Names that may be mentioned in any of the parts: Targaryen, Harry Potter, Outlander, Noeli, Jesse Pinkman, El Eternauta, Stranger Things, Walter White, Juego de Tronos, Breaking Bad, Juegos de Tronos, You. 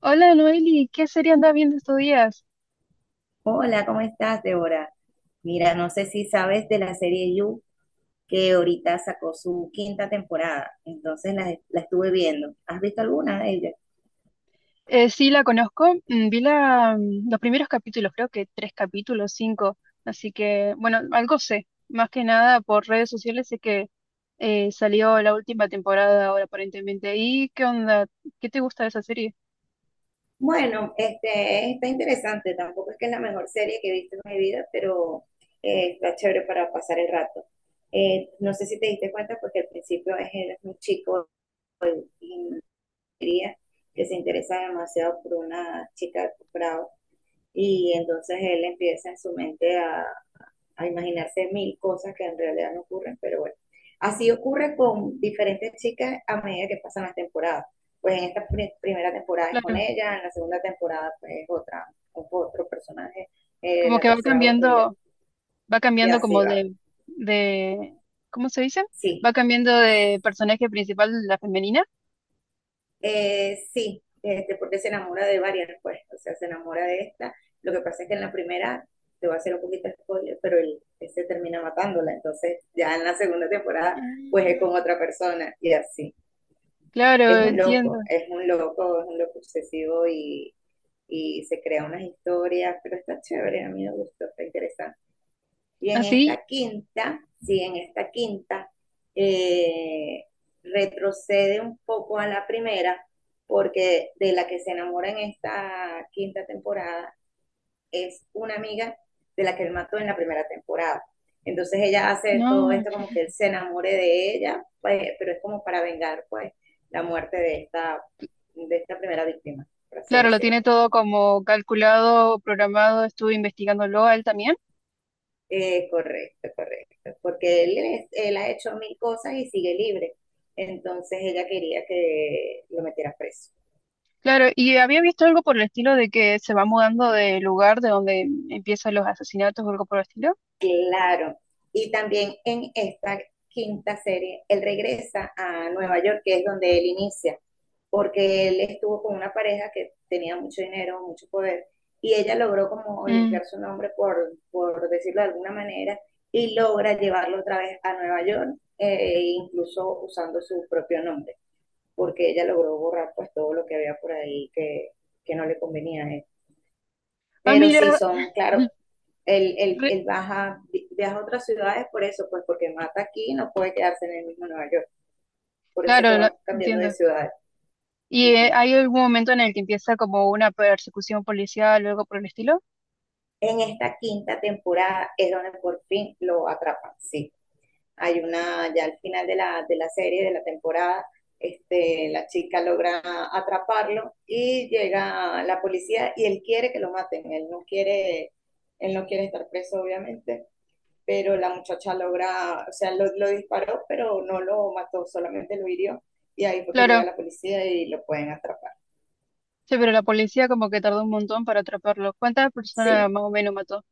Hola Noeli, ¿qué serie anda viendo estos días? Hola, ¿cómo estás, Débora? Mira, no sé si sabes de la serie You, que ahorita sacó su quinta temporada, entonces la estuve viendo. ¿Has visto alguna de ellas? Sí, la conozco. Vi la, los primeros capítulos, creo que tres capítulos, cinco, así que bueno, algo sé, más que nada por redes sociales sé que salió la última temporada ahora aparentemente. ¿Y qué onda? ¿Qué te gusta de esa serie? Bueno, este está interesante, tampoco es que es la mejor serie que he visto en mi vida, pero está chévere para pasar el rato. No sé si te diste cuenta porque al principio es, él es un chico en Hungría que se interesa demasiado por una chica de posgrado y entonces él empieza en su mente a imaginarse mil cosas que en realidad no ocurren, pero bueno. Así ocurre con diferentes chicas a medida que pasan las temporadas. Pues en esta pr primera temporada es Claro, con ella, en la segunda temporada pues es otra, otro personaje, en como la que tercera otro va y cambiando así como va. de, ¿cómo se dice? Sí, Va cambiando de personaje principal, la femenina. Sí, este, porque se enamora de varias, pues, o sea, se enamora de esta. Lo que pasa es que en la primera, te voy a hacer un poquito de spoiler, pero él se termina matándola, entonces ya en la segunda temporada pues es Ah, con otra persona y así. claro, Es un entiendo. loco, es un loco, es un loco obsesivo y se crea unas historias, pero está chévere, a mí me gustó, está interesante. Y en ¿Así? esta quinta, sí, en esta quinta, eh, retrocede un poco a la primera, porque de la que se enamora en esta quinta temporada es una amiga de la que él mató en la primera temporada. Entonces ella hace todo No. esto como que él se enamore de ella, pues, pero es como para vengar pues la muerte de esta primera víctima, por así Claro, lo tiene decirlo. todo como calculado, programado, estuve investigándolo a él también. Correcto, correcto. Porque él ha hecho mil cosas y sigue libre. Entonces ella quería que lo metiera preso. Claro, y había visto algo por el estilo de que se va mudando de lugar de donde empiezan los asesinatos o algo por el estilo. Claro. Y también en esta quinta serie, él regresa a Nueva York, que es donde él inicia. Porque él estuvo con una pareja que tenía mucho dinero, mucho poder, y ella logró como Mm. limpiar su nombre, por decirlo de alguna manera, y logra llevarlo otra vez a Nueva York, incluso usando su propio nombre, porque ella logró borrar pues todo lo que había por ahí que no le convenía a él. Ah, Pero sí, mira, son, claro, mm, re- baja, viaja a otras ciudades por eso, pues porque mata aquí y no puede quedarse en el mismo Nueva York. Por eso es que claro, va cambiando de entiendo. ciudades. ¿Y Uh -huh. hay algún momento en el que empieza como una persecución policial o algo por el estilo? En esta quinta temporada es donde por fin lo atrapan, sí. Hay una, ya al final de de la serie, de la temporada, este, la chica logra atraparlo y llega la policía y él quiere que lo maten, él no quiere estar preso obviamente, pero la muchacha logra, o sea, lo disparó, pero no lo mató, solamente lo hirió y ahí fue que llega Claro, la policía y lo pueden atrapar. sí, pero la policía como que tardó un montón para atraparlo. ¿Cuántas personas Sí. más o menos mató?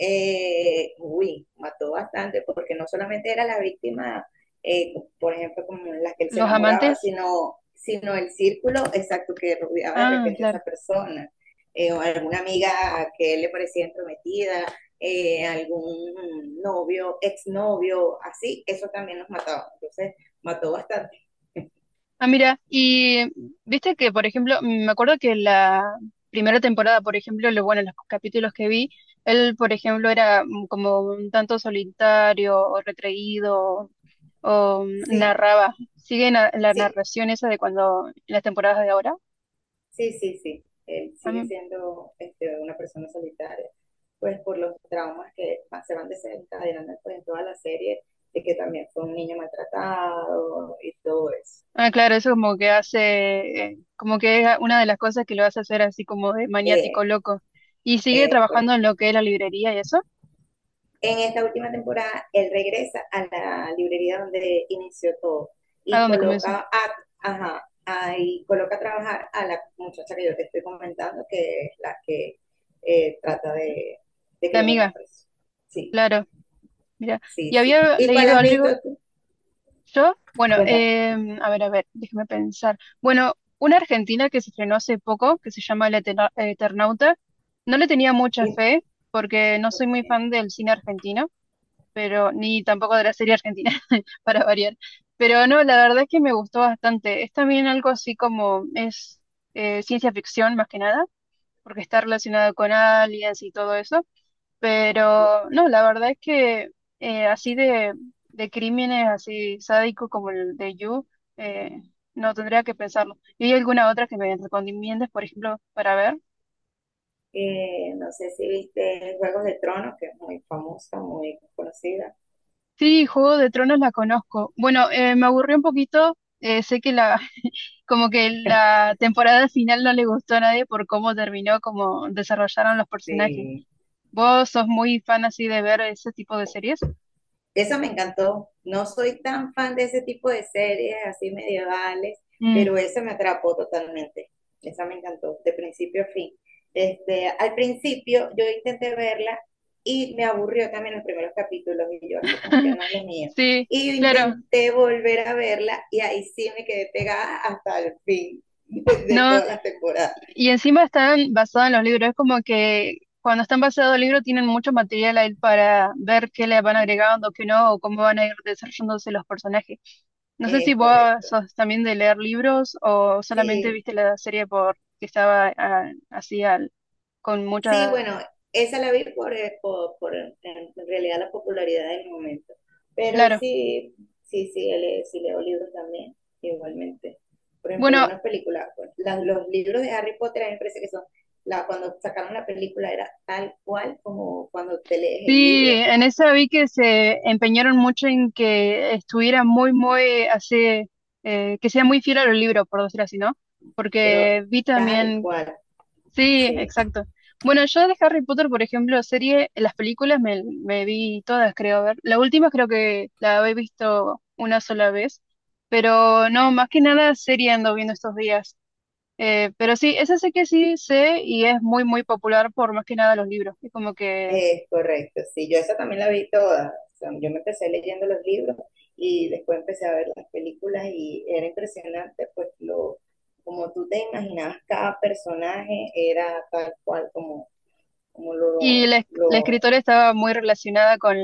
Uy, mató bastante, porque no solamente era la víctima, eh, por ejemplo, como las que él se ¿Los enamoraba, amantes? Sino el círculo exacto que rodeaba de Ah, repente a claro. esa persona, o alguna amiga que él le parecía entrometida, algún novio, exnovio, así, eso también nos mataba. Entonces, mató bastante. Ah, mira, y viste que, por ejemplo, me acuerdo que la primera temporada, por ejemplo, bueno, los capítulos que vi, él, por ejemplo, era como un tanto solitario o retraído o, Sí, narraba. ¿Sigue la sí. narración esa de cuando, las temporadas de ahora? Sí, sí, sí. Él Ah, sigue mm. siendo este, una persona solitaria, pues por los traumas que se van desencadenando pues, en toda la serie, de que también fue un niño maltratado y todo eso. Ah, claro, eso como que hace, como que es una de las cosas que lo hace hacer así como de Eh, maniático loco. Y sigue eh, por- trabajando en lo que es la librería y eso, en esta última temporada, él regresa a la librería donde inició todo a y donde comenzó. coloca a, ajá, ahí coloca a trabajar a la muchacha que yo te estoy comentando, que es la que trata de, que La lo metan amiga, preso. Sí. claro. Mira, Sí, y sí. había ¿Y cuál leído has visto algo tú? yo, bueno, Cuéntame. A ver, déjeme pensar. Bueno, una argentina que se estrenó hace poco, que se llama El Eternauta, no le tenía mucha Y- fe porque no soy ok, muy fan del cine argentino, pero ni tampoco de la serie argentina, para variar. Pero no, la verdad es que me gustó bastante. Es también algo así como es ciencia ficción más que nada, porque está relacionado con aliens y todo eso, pero ok. no, la verdad es que así de crímenes así sádicos como el de You, eh, no tendría que pensarlo. ¿Y hay alguna otra que me recomiendes, por ejemplo, para ver? No sé si viste Juegos de Tronos, que es muy famosa, muy conocida. Sí, Juego de Tronos la conozco. Bueno, me aburrió un poquito. Sé que la, como que la temporada final no le gustó a nadie por cómo terminó, cómo desarrollaron los personajes. ¿Vos sos muy fan así de ver ese tipo de series? Eso me encantó. No soy tan fan de ese tipo de series así medievales, Mm, pero eso me atrapó totalmente. Esa me encantó, de principio a fin. Este, al principio yo intenté verla y me aburrió también los primeros capítulos y yo así como que no es lo mío. sí, Y yo claro. intenté volver a verla y ahí sí me quedé pegada hasta el fin de No, todas las temporadas. y encima están basadas en los libros. Es como que cuando están basados en libros tienen mucho material ahí para ver qué le van agregando, qué no, o cómo van a ir desarrollándose los personajes. No sé si Es vos correcto. sos también de leer libros o solamente Sí. viste la serie porque estaba ah, así con Sí, mucha... bueno, esa la vi en realidad la popularidad del momento. Pero Claro. sí, sí, sí, sí leo libros también, igualmente. Por ejemplo, Bueno, una película, pues, los libros de Harry Potter a mí me parece que son, cuando sacaron la película era tal cual como cuando te lees el sí, libro, en esa vi que se empeñaron mucho en que estuviera muy, muy así, que sea muy fiel a los libros, por decirlo así, ¿no? pero Porque vi tal también cual, sí, sí. exacto. Bueno, yo de Harry Potter, por ejemplo, serie, las películas me vi todas, creo, a ver. La última creo que la he visto una sola vez, pero no, más que nada serie ando viendo estos días. Pero sí, esa sé que sí sé y es muy, muy popular por más que nada los libros. Es como que... Es correcto, sí, yo esa también la vi toda. O sea, yo me empecé leyendo los libros y después empecé a ver las películas y era impresionante, pues lo, como tú te imaginabas, cada personaje era tal cual como, como Y la, la lo escritora estaba muy relacionada con,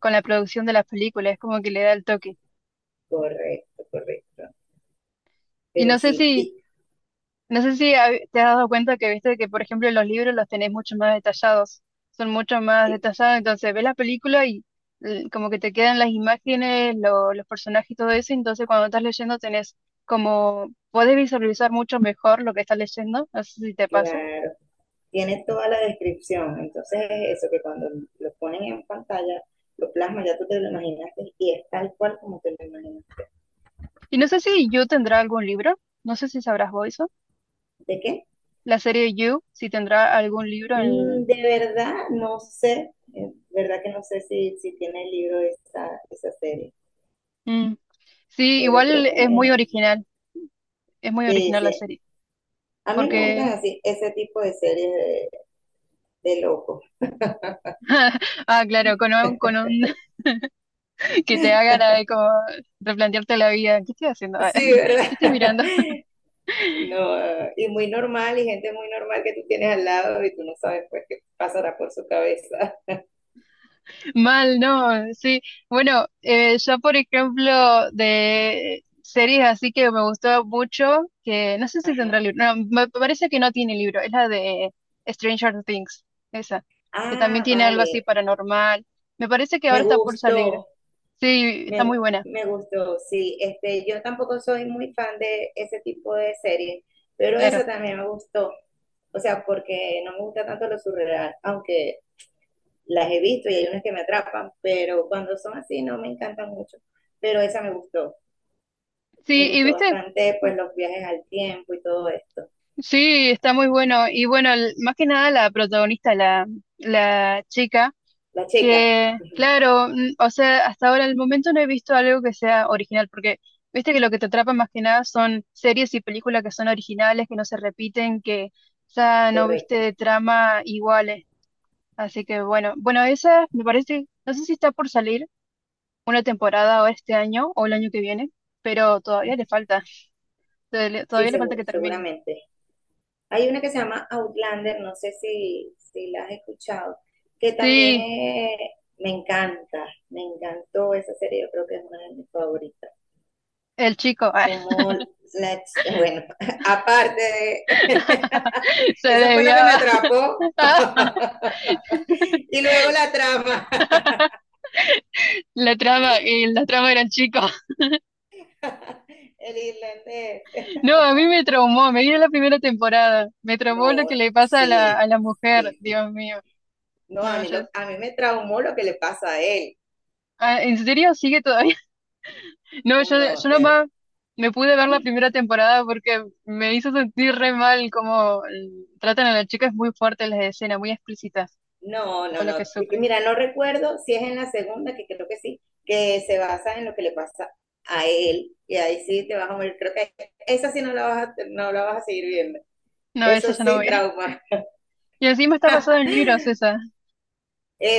con la producción de las películas, es como que le da el toque. correcto, correcto. Y Pero no sé sí, si No sé si te has dado cuenta que viste que, por ejemplo, los libros los tenés mucho más detallados, son mucho más que- detallados, entonces ves la película y como que te quedan las imágenes, los personajes y todo eso, entonces cuando estás leyendo tenés como, podés visualizar mucho mejor lo que estás leyendo, no sé si te pasa. claro, tiene toda la descripción. Entonces es eso, que cuando lo ponen en pantalla, lo plasma, ya tú te lo imaginaste y es tal cual como te lo imaginas. Y no sé si You tendrá algún libro, no sé si sabrás vos eso, ¿De qué? la serie You, si tendrá algún libro en... De verdad, no sé, de verdad que no sé si tiene el libro esa, esa serie, Mm. Sí, pero creo igual que es muy sí, original la sí. serie, A mí me porque... gustan así ese tipo de series de locos. Ah, claro, con un que te hagan ahí como replantearte la vida. ¿Qué estoy haciendo? Sí, ¿Qué ¿verdad? estoy mirando? No, y muy normal, y gente muy normal que tú tienes al lado y tú no sabes pues qué pasará por su cabeza. Mal, ¿no? Sí. Bueno, yo por ejemplo de series así que me gustó mucho, que no sé si tendrá libro, no, me parece que no tiene libro, es la de Stranger Things, esa, que también Ah, tiene algo así vale, paranormal. Me parece que ahora me está por salir. gustó. Sí, está Me, muy buena, me gustó, sí. Este, yo tampoco soy muy fan de ese tipo de series, pero claro. esa también me gustó. O sea, porque no me gusta tanto lo surreal, aunque las he visto y hay unas que me atrapan, pero cuando son así no me encantan mucho. Pero esa me gustó. Me Sí, y gustó viste. bastante, pues, los viajes al tiempo y todo esto. Sí, está muy bueno. Y bueno, más que nada la protagonista, la chica, La chica. que Ujú. claro, o sea, hasta ahora en el momento no he visto algo que sea original, porque viste que lo que te atrapa más que nada son series y películas que son originales, que no se repiten, que ya no viste Correcto. de trama iguales. Así que bueno, bueno, esa me parece, no sé si está por salir una temporada o este año o el año que viene, pero todavía le falta, todavía le Sí, todavía le falta que termine. seguramente. Hay una que se llama Outlander, no sé si la has escuchado, que también Sí, me encanta, me encantó esa serie, yo creo que es una de mis favoritas. el chico. Como bueno, aparte de, Se eso fue lo que me desviaba. atrapó. Y luego la trama, La trama y la trama eran chicos. el irlandés. No, a mí me traumó, me vi la primera temporada, me traumó lo que No, le pasa a la, sí, a la mujer, sí, sí. Dios mío. No, No, yo, a mí me traumó lo que le pasa a él. ah, ¿en serio sigue todavía? No, yo, Uno, o yo sea, nomás me pude ver la primera temporada porque me hizo sentir re mal como tratan a la chica, es muy fuerte las escenas, muy explícitas, no, todo no, lo no. que sufre. Mira, no recuerdo si es en la segunda, que creo que sí, que se basa en lo que le pasa a él. Y ahí sí te vas a morir. Creo que esa sí no la vas a seguir viendo. No, esa Eso ya no sí, voy. trauma. Y encima está basado en libros esa.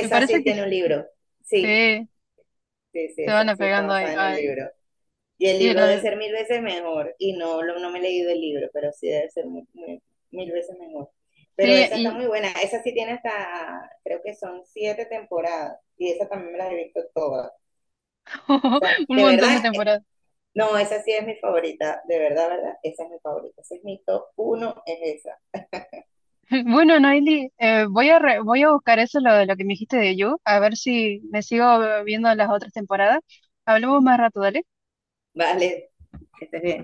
Me parece sí que tiene un sí, libro. Sí, sí, sí, sí, se van esa sí está apegando ahí. basada en el Ay. libro. Y el Y libro debe la- ser mil veces mejor. Y no, no me he leído el libro, pero sí debe ser mil veces mejor. Pero esa está sí, muy buena. Esa sí tiene hasta, creo que son siete temporadas. Y esa también me la he visto toda. Esa, un de montón verdad, de temporadas. no, esa sí es mi favorita, de verdad, ¿verdad? Esa es mi favorita, ese es mi top uno, es esa. Bueno, Noeli, voy a buscar eso lo que me dijiste de You, a ver si me sigo viendo las otras temporadas. Hablamos más rato, dale. Vale, que estés bien.